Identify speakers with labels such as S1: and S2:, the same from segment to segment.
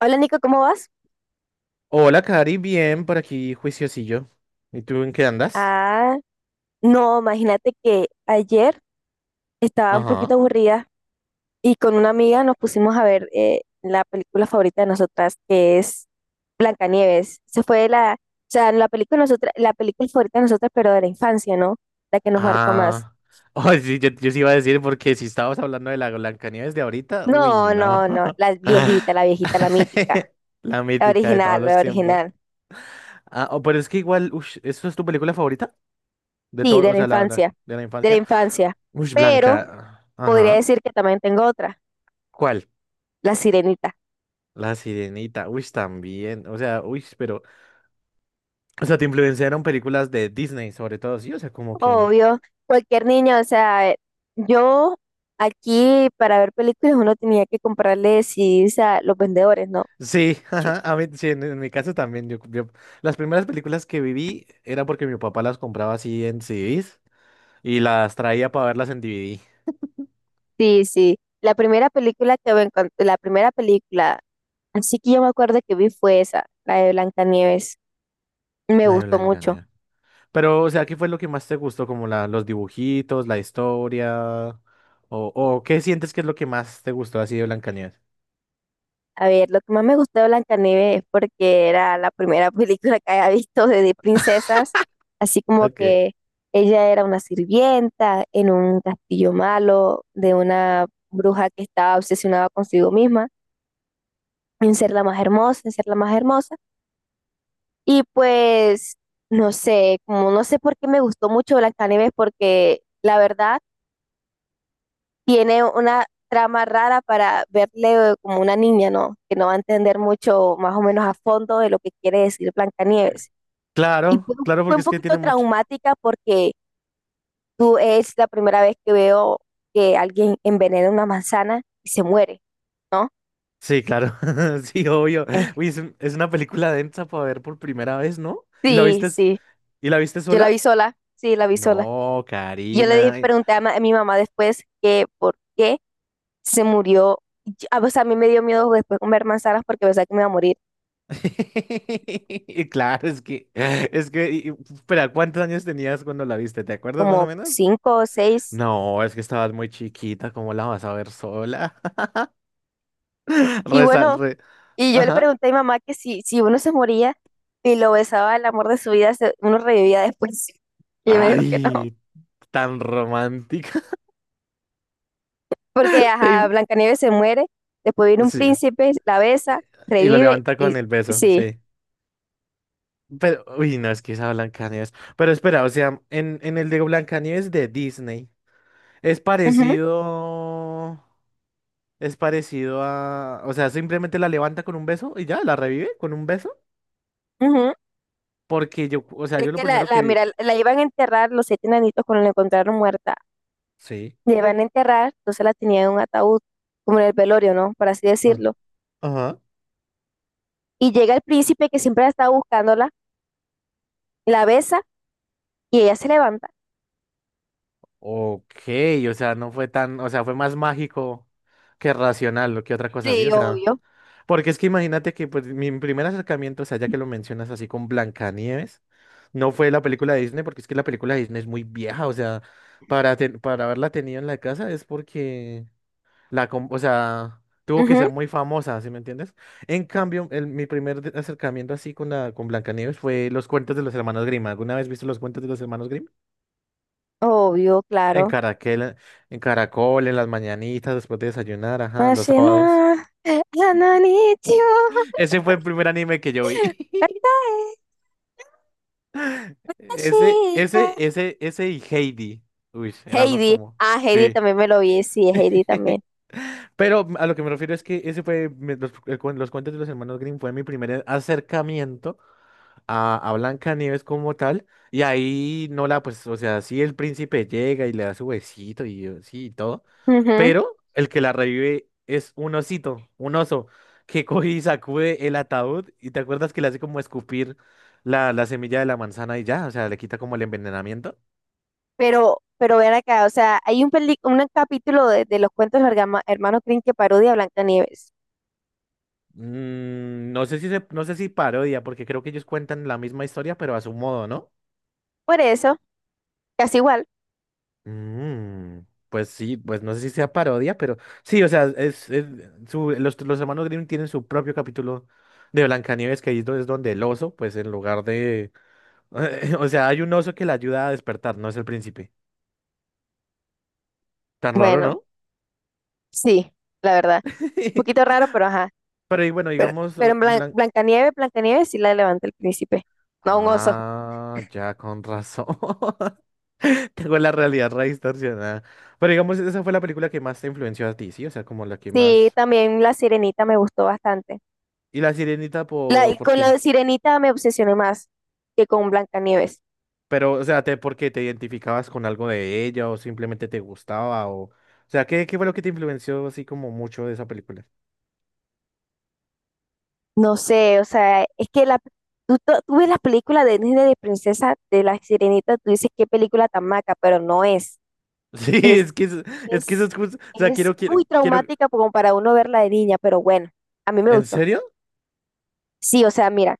S1: Hola Nico, ¿cómo vas?
S2: Hola, Cari, bien, por aquí, juiciosillo. ¿Y tú en qué andas?
S1: Ah, no, imagínate que ayer estaba un poquito
S2: Ajá.
S1: aburrida y con una amiga nos pusimos a ver la película favorita de nosotras, que es Blancanieves. Se fue la, o sea, la película nosotras, la película favorita de nosotras, pero de la infancia, ¿no? La que nos marcó más.
S2: Ah. Oh, sí, yo sí iba a decir, porque si estábamos hablando de la Blancanieves de ahorita, uy,
S1: No,
S2: no.
S1: no, no, la viejita, la viejita, la mítica,
S2: La
S1: la
S2: mítica de todos
S1: original,
S2: los
S1: la
S2: tiempos.
S1: original.
S2: Ah, oh, pero es que igual, ush, ¿eso es tu película favorita? De
S1: Sí,
S2: todo,
S1: de
S2: o
S1: la
S2: sea,
S1: infancia,
S2: de la
S1: de la
S2: infancia.
S1: infancia.
S2: ¡Ush,
S1: Pero
S2: Blanca!
S1: podría
S2: Ajá.
S1: decir que también tengo otra,
S2: ¿Cuál?
S1: La Sirenita.
S2: La Sirenita. Uy, también. O sea, uy, pero. O sea, te influenciaron películas de Disney, sobre todo, sí. O sea, como que.
S1: Obvio, cualquier niño, o sea, yo aquí para ver películas uno tenía que comprarle CDs a los vendedores, ¿no?
S2: Sí,
S1: Sí,
S2: ajá, a mí, sí, en mi caso también. Las primeras películas que viví era porque mi papá las compraba así en CDs y las traía para verlas en DVD.
S1: sí. Sí. La primera película, así que yo me acuerdo que vi fue esa, la de Blancanieves. Me
S2: La de
S1: gustó mucho.
S2: Blancanieves. Pero, o sea, ¿qué fue lo que más te gustó? Como la, los dibujitos, la historia, o ¿qué sientes que es lo que más te gustó así de Blancanieves?
S1: A ver, lo que más me gustó de Blancanieves es porque era la primera película que había visto de princesas, así como
S2: Okay.
S1: que ella era una sirvienta en un castillo malo de una bruja que estaba obsesionada consigo misma, en ser la más hermosa, en ser la más hermosa. Y pues, no sé, como no sé por qué me gustó mucho Blancanieves porque la verdad tiene una trama rara para verle como una niña, ¿no? Que no va a entender mucho, más o menos a fondo, de lo que quiere decir Blancanieves. Y
S2: Claro,
S1: fue,
S2: claro,
S1: fue
S2: porque
S1: un
S2: es que
S1: poquito
S2: tiene mucho.
S1: traumática porque tú es la primera vez que veo que alguien envenena una manzana y se muere, ¿no?
S2: Sí, claro, sí, obvio.
S1: Eh,
S2: Uy, es, un- es una película densa para ver por primera vez, ¿no? ¿Y la
S1: sí,
S2: viste,
S1: sí,
S2: y la viste
S1: yo la
S2: sola?
S1: vi sola, sí, la vi sola.
S2: No, Karina.
S1: Pregunté a, a mi mamá después que por qué se murió. O sea, a mí me dio miedo después comer manzanas porque pensaba que me iba a morir
S2: Claro, espera, ¿cuántos años tenías cuando la viste? ¿Te acuerdas más o
S1: como
S2: menos?
S1: cinco o seis.
S2: No, es que estabas muy chiquita, ¿cómo la vas a ver sola?
S1: Y
S2: Reza,
S1: bueno, y yo le
S2: Ajá.
S1: pregunté a mi mamá que si uno se moría y lo besaba el amor de su vida, uno revivía después. Y ella me dijo que no,
S2: Ay, tan romántica.
S1: porque ajá,
S2: Te-
S1: Blancanieves se muere, después viene un
S2: Sí.
S1: príncipe, la besa,
S2: Y lo
S1: revive
S2: levanta
S1: y
S2: con el beso,
S1: sí.
S2: sí. Pero, uy, no, es que esa Blancanieves. Pero espera, o sea, en el de Blancanieves de Disney, es
S1: Ujú,
S2: parecido. Es parecido a, o sea, simplemente la levanta con un beso y ya, la revive con un beso.
S1: ujú.
S2: Porque yo, o sea,
S1: Es
S2: yo lo
S1: que
S2: primero que vi.
S1: mira, la iban a enterrar los siete enanitos cuando la encontraron muerta.
S2: Sí.
S1: La iban a enterrar, entonces la tenían en un ataúd, como en el velorio, ¿no? Por así
S2: Ah,
S1: decirlo.
S2: ajá.
S1: Y llega el príncipe que siempre la estaba buscándola, la besa y ella se levanta.
S2: Ok, o sea, no fue tan, o sea, fue más mágico que racional, lo que otra cosa así,
S1: Sí,
S2: o sea.
S1: obvio.
S2: Porque es que imagínate que pues mi primer acercamiento, o sea, ya que lo mencionas así con Blancanieves, no fue la película de Disney, porque es que la película de Disney es muy vieja, o sea, para, para haberla tenido en la casa es porque la, o sea, tuvo que
S1: Ujú.
S2: ser muy famosa, ¿sí me entiendes? En cambio, mi primer acercamiento así con la con Blancanieves fue los cuentos de los hermanos Grimm. ¿Alguna vez viste los cuentos de los hermanos Grimm?
S1: Obvio,
S2: En
S1: claro.
S2: Caracol, en Caracol, en las mañanitas, después de desayunar, ajá, los
S1: Así
S2: sábados.
S1: no, Hananichio,
S2: Ese fue el primer anime que yo vi.
S1: Atae, Ashika.
S2: Ese y Heidi. Uy, eran los
S1: Heidi,
S2: como,
S1: ah, Heidi
S2: sí.
S1: también me lo vi, sí, Heidi también.
S2: Pero a lo que me refiero es que ese fue, los cuentos de los hermanos Grimm fue mi primer acercamiento a Blancanieves como tal, y ahí no la, pues, o sea, sí el príncipe llega y le da su besito y sí y todo,
S1: Ujú.
S2: pero el que la revive es un osito, un oso, que coge y sacude el ataúd, y te acuerdas que le hace como escupir la, la semilla de la manzana y ya, o sea, le quita como el envenenamiento.
S1: Pero ven acá, o sea, hay un, un capítulo de los cuentos de los hermanos Grimm que parodia a Nieves.
S2: Mm, no sé si parodia, porque creo que ellos cuentan la misma historia, pero a su modo, ¿no?
S1: Por eso, casi igual.
S2: Mm, pues sí, pues no sé si sea parodia, pero sí, o sea, es los hermanos Grimm tienen su propio capítulo de Blancanieves, que ahí es donde el oso, pues en lugar de... O sea, hay un oso que la ayuda a despertar, no es el príncipe. Tan raro,
S1: Bueno,
S2: ¿no?
S1: sí, la verdad. Un poquito raro, pero ajá.
S2: Pero y bueno,
S1: Pero,
S2: digamos,
S1: pero en
S2: Blan...
S1: Blancanieves, Blancanieves sí la levanta el príncipe, no un oso.
S2: Ah, ya con razón. Tengo la realidad re distorsionada. Pero digamos, esa fue la película que más te influenció a ti, ¿sí? O sea, como la que
S1: Sí,
S2: más...
S1: también La Sirenita me gustó bastante.
S2: ¿Y la Sirenita
S1: La, y
S2: por
S1: con la
S2: qué?
S1: de Sirenita me obsesioné más que con Blancanieves.
S2: Pero, o sea, te, porque te identificabas con algo de ella o simplemente te gustaba o... O sea, qué fue lo que te influenció así como mucho de esa película?
S1: No sé, o sea, es que la, tú ves la película de Disney de Princesa de la Sirenita, tú dices qué película tan maca, pero no es.
S2: Sí,
S1: Es,
S2: es que eso, es que eso
S1: es,
S2: es justo... O sea,
S1: es muy
S2: quiero...
S1: traumática como para uno verla de niña, pero bueno, a mí me
S2: ¿En
S1: gustó.
S2: serio?
S1: Sí, o sea, mira,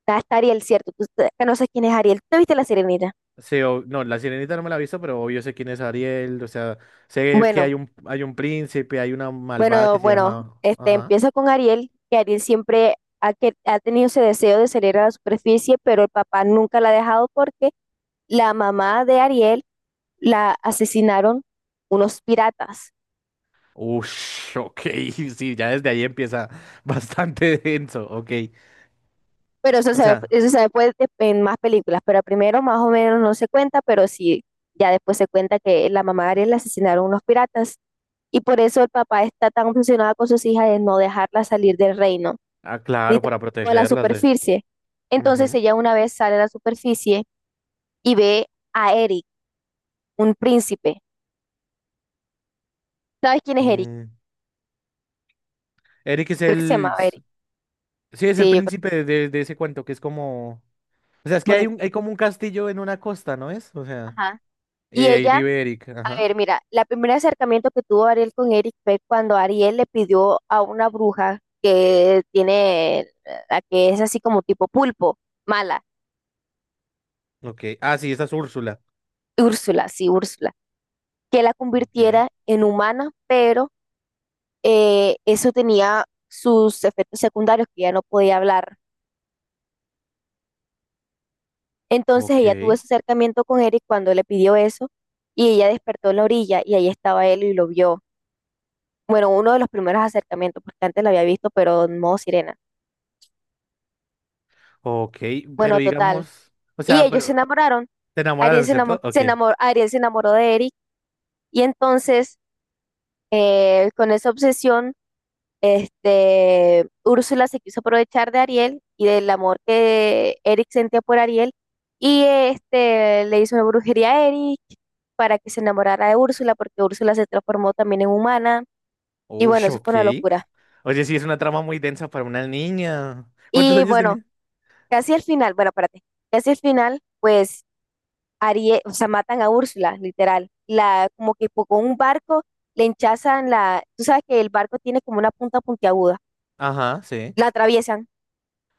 S1: está Ariel, cierto. Tú conoces quién es Ariel. ¿Tú te viste la Sirenita?
S2: Sí, no, La Sirenita no me la he visto, pero obvio sé quién es Ariel, o sea, sé que
S1: Bueno.
S2: hay hay un príncipe, hay una malvada que se
S1: Bueno,
S2: llama...
S1: este
S2: Ajá.
S1: empieza con Ariel, que Ariel siempre ha tenido ese deseo de salir a la superficie, pero el papá nunca la ha dejado porque la mamá de Ariel la asesinaron unos piratas.
S2: Ush, ok, sí, ya desde ahí empieza bastante denso, ok.
S1: Pero
S2: O sea,
S1: eso se ve en más películas, pero primero más o menos no se cuenta, pero sí, ya después se cuenta que la mamá de Ariel la asesinaron unos piratas. Y por eso el papá está tan obsesionado con sus hijas de no dejarla salir del reino,
S2: ah,
S1: ni
S2: claro, para
S1: tampoco de la
S2: protegerlas de...
S1: superficie. Entonces
S2: Ujú.
S1: ella una vez sale a la superficie y ve a Eric, un príncipe. ¿Sabes quién es Eric?
S2: Mm. Eric es
S1: Creo que se
S2: el...
S1: llamaba Eric.
S2: Sí, es el
S1: Sí, yo creo
S2: príncipe
S1: que
S2: de, de ese cuento, que es como... O sea,
S1: es
S2: es que hay,
S1: bonito.
S2: un, hay como un castillo en una costa, ¿no es? O sea,
S1: Ajá.
S2: y
S1: Y
S2: ahí
S1: ella,
S2: vive Eric.
S1: a
S2: Ajá.
S1: ver, mira, la primer acercamiento que tuvo Ariel con Eric fue cuando Ariel le pidió a una bruja que tiene, la que es así como tipo pulpo, mala,
S2: Ok. Ah, sí, esa es Úrsula.
S1: Úrsula, sí, Úrsula, que la
S2: Ok.
S1: convirtiera en humana, pero eso tenía sus efectos secundarios, que ya no podía hablar. Entonces
S2: Ok.
S1: ella tuvo ese acercamiento con Eric cuando le pidió eso y ella despertó en la orilla y ahí estaba él y lo vio. Bueno, uno de los primeros acercamientos, porque antes lo había visto, pero en modo sirena.
S2: Ok. Pero
S1: Bueno, total.
S2: digamos... O
S1: Y
S2: sea,
S1: ellos se
S2: pero...
S1: enamoraron.
S2: Te
S1: Ariel
S2: enamoraron, ¿cierto? Ok.
S1: se enamoró, Ariel se enamoró de Eric y entonces con esa obsesión, este, Úrsula se quiso aprovechar de Ariel y del amor que Eric sentía por Ariel y este le hizo una brujería a Eric para que se enamorara de Úrsula porque Úrsula se transformó también en humana y bueno,
S2: Ush,
S1: eso
S2: ok.
S1: fue una locura.
S2: Oye, sí, es una trama muy densa para una niña. ¿Cuántos
S1: Y
S2: años
S1: bueno,
S2: tenía?
S1: casi al final, bueno, espérate, casi al final pues Ariel, o sea, matan a Úrsula, literal. La como que con un barco le hinchazan la, tú sabes que el barco tiene como una punta puntiaguda,
S2: Ajá, sí.
S1: la atraviesan,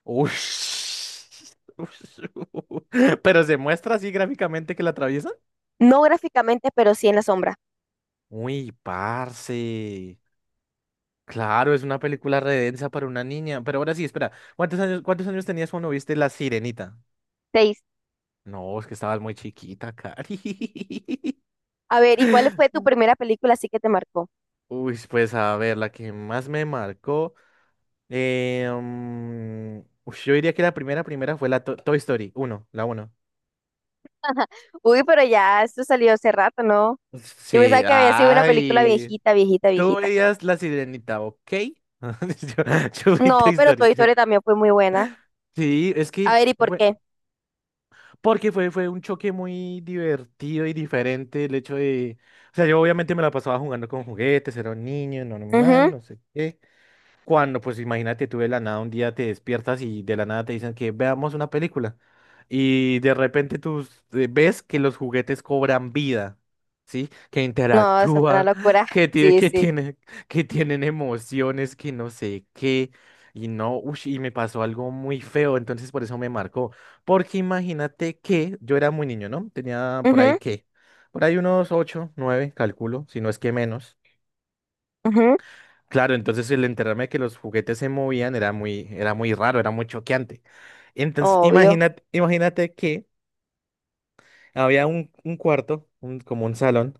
S2: Ush. Pero se muestra así gráficamente que la atraviesa.
S1: no gráficamente, pero sí en la sombra.
S2: Uy, parce. Claro, es una película redensa para una niña. Pero ahora sí, espera. Cuántos años tenías cuando viste La Sirenita?
S1: Seis.
S2: No, es que estabas muy chiquita, Cari.
S1: A ver, ¿y cuál fue tu primera película así que te marcó?
S2: Uy, pues a ver, la que más me marcó. eh, mm, ush, yo diría que la primera, primera fue Toy Story uno la uno.
S1: Uy, pero ya, esto salió hace rato, ¿no? Yo
S2: Sí,
S1: pensaba que había sido una película
S2: ay.
S1: viejita, viejita,
S2: Tú
S1: viejita.
S2: veías La Sirenita, ¿ok? Yo, yo vi
S1: No,
S2: Toy
S1: pero
S2: Story.
S1: Toy Story también fue muy buena.
S2: Sí, es
S1: A
S2: que
S1: ver, ¿y por
S2: bueno,
S1: qué?
S2: porque fue, fue un choque muy divertido y diferente el hecho de, o sea, yo obviamente me la pasaba jugando con juguetes, era un niño, normal,
S1: Ujú.
S2: no sé qué, cuando, pues imagínate, tú de la nada un día te despiertas y de la nada te dicen que veamos una película y de repente ves que los juguetes cobran vida, ¿sí? Que
S1: No, eso fue una
S2: interactúan,
S1: locura. Sí, sí.
S2: tienen, que tienen emociones, que no sé qué. Y no, ush, y me pasó algo muy feo, entonces por eso me marcó. Porque imagínate que yo era muy niño, ¿no? Tenía por ahí
S1: Ujú,
S2: qué, por ahí unos ocho, nueve, calculo, si no es que menos.
S1: ujú,
S2: Claro, entonces el enterarme de que los juguetes se movían era muy raro, era muy choqueante. Entonces,
S1: obvio.
S2: imagínate, imagínate que había un cuarto, como un salón,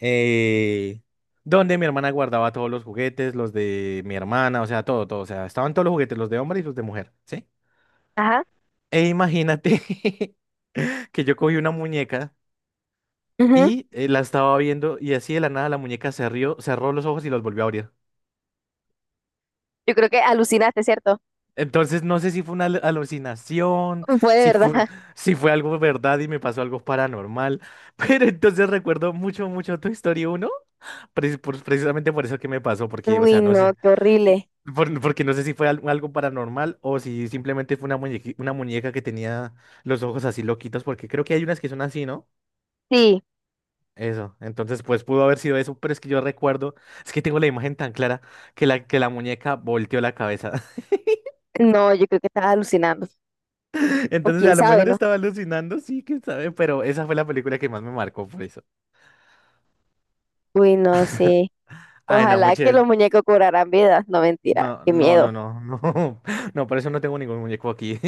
S2: eh, donde mi hermana guardaba todos los juguetes, los de mi hermana, o sea, todo, todo. O sea, estaban todos los juguetes, los de hombre y los de mujer, ¿sí?
S1: Ajá.
S2: E imagínate que yo cogí una muñeca
S1: Ujú.
S2: y la estaba viendo y así de la nada la muñeca se rió, cerró los ojos y los volvió a abrir.
S1: Yo creo que alucinaste, ¿cierto?
S2: Entonces no sé si fue una alucinación,
S1: Fue de
S2: si fue,
S1: verdad.
S2: si fue algo verdad y me pasó algo paranormal, pero entonces recuerdo mucho, mucho tu historia uno, precisamente por eso que me pasó, porque, o
S1: Uy,
S2: sea, no
S1: no,
S2: sé,
S1: qué horrible.
S2: porque no sé si fue algo paranormal o si simplemente fue una una muñeca que tenía los ojos así loquitos, porque creo que hay unas que son así, ¿no?
S1: Sí,
S2: Eso, entonces pues pudo haber sido eso, pero es que yo recuerdo, es que tengo la imagen tan clara que la muñeca volteó la cabeza.
S1: no, yo creo que estaba alucinando. O
S2: Entonces,
S1: quién
S2: a lo
S1: sabe,
S2: mejor
S1: ¿no?
S2: estaba alucinando, sí, quién sabe, pero esa fue la película que más me marcó por eso.
S1: Uy, no, sí.
S2: Ay, no,
S1: Ojalá que
S2: muchachos.
S1: los muñecos cobraran vida. No, mentira,
S2: No,
S1: qué
S2: no, no,
S1: miedo.
S2: no, no. No, por eso no tengo ningún muñeco aquí.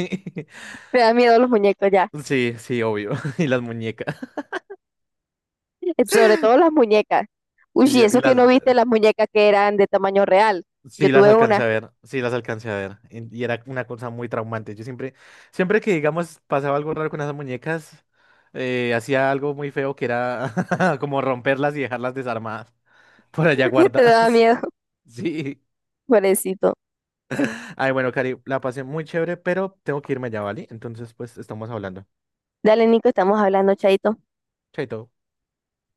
S1: Me da miedo los muñecos ya.
S2: Sí, sí, obvio. Y las muñecas.
S1: Sobre todo las muñecas. Uy,
S2: Sí,
S1: y eso
S2: y
S1: que
S2: las.
S1: no viste las muñecas que eran de tamaño real. Yo
S2: Sí, las
S1: tuve
S2: alcancé
S1: una.
S2: a ver. Sí, las alcancé a ver. Y era una cosa muy traumante. Yo siempre, siempre que, digamos, pasaba algo raro con esas muñecas, hacía algo muy feo que era como romperlas y dejarlas desarmadas por allá
S1: Te daba
S2: guardadas.
S1: miedo,
S2: Sí.
S1: pobrecito.
S2: Ay, bueno, Cari, la pasé muy chévere, pero tengo que irme ya, ¿vale? Entonces, pues estamos hablando.
S1: Dale, Nico, estamos hablando, chaito.
S2: Chaito.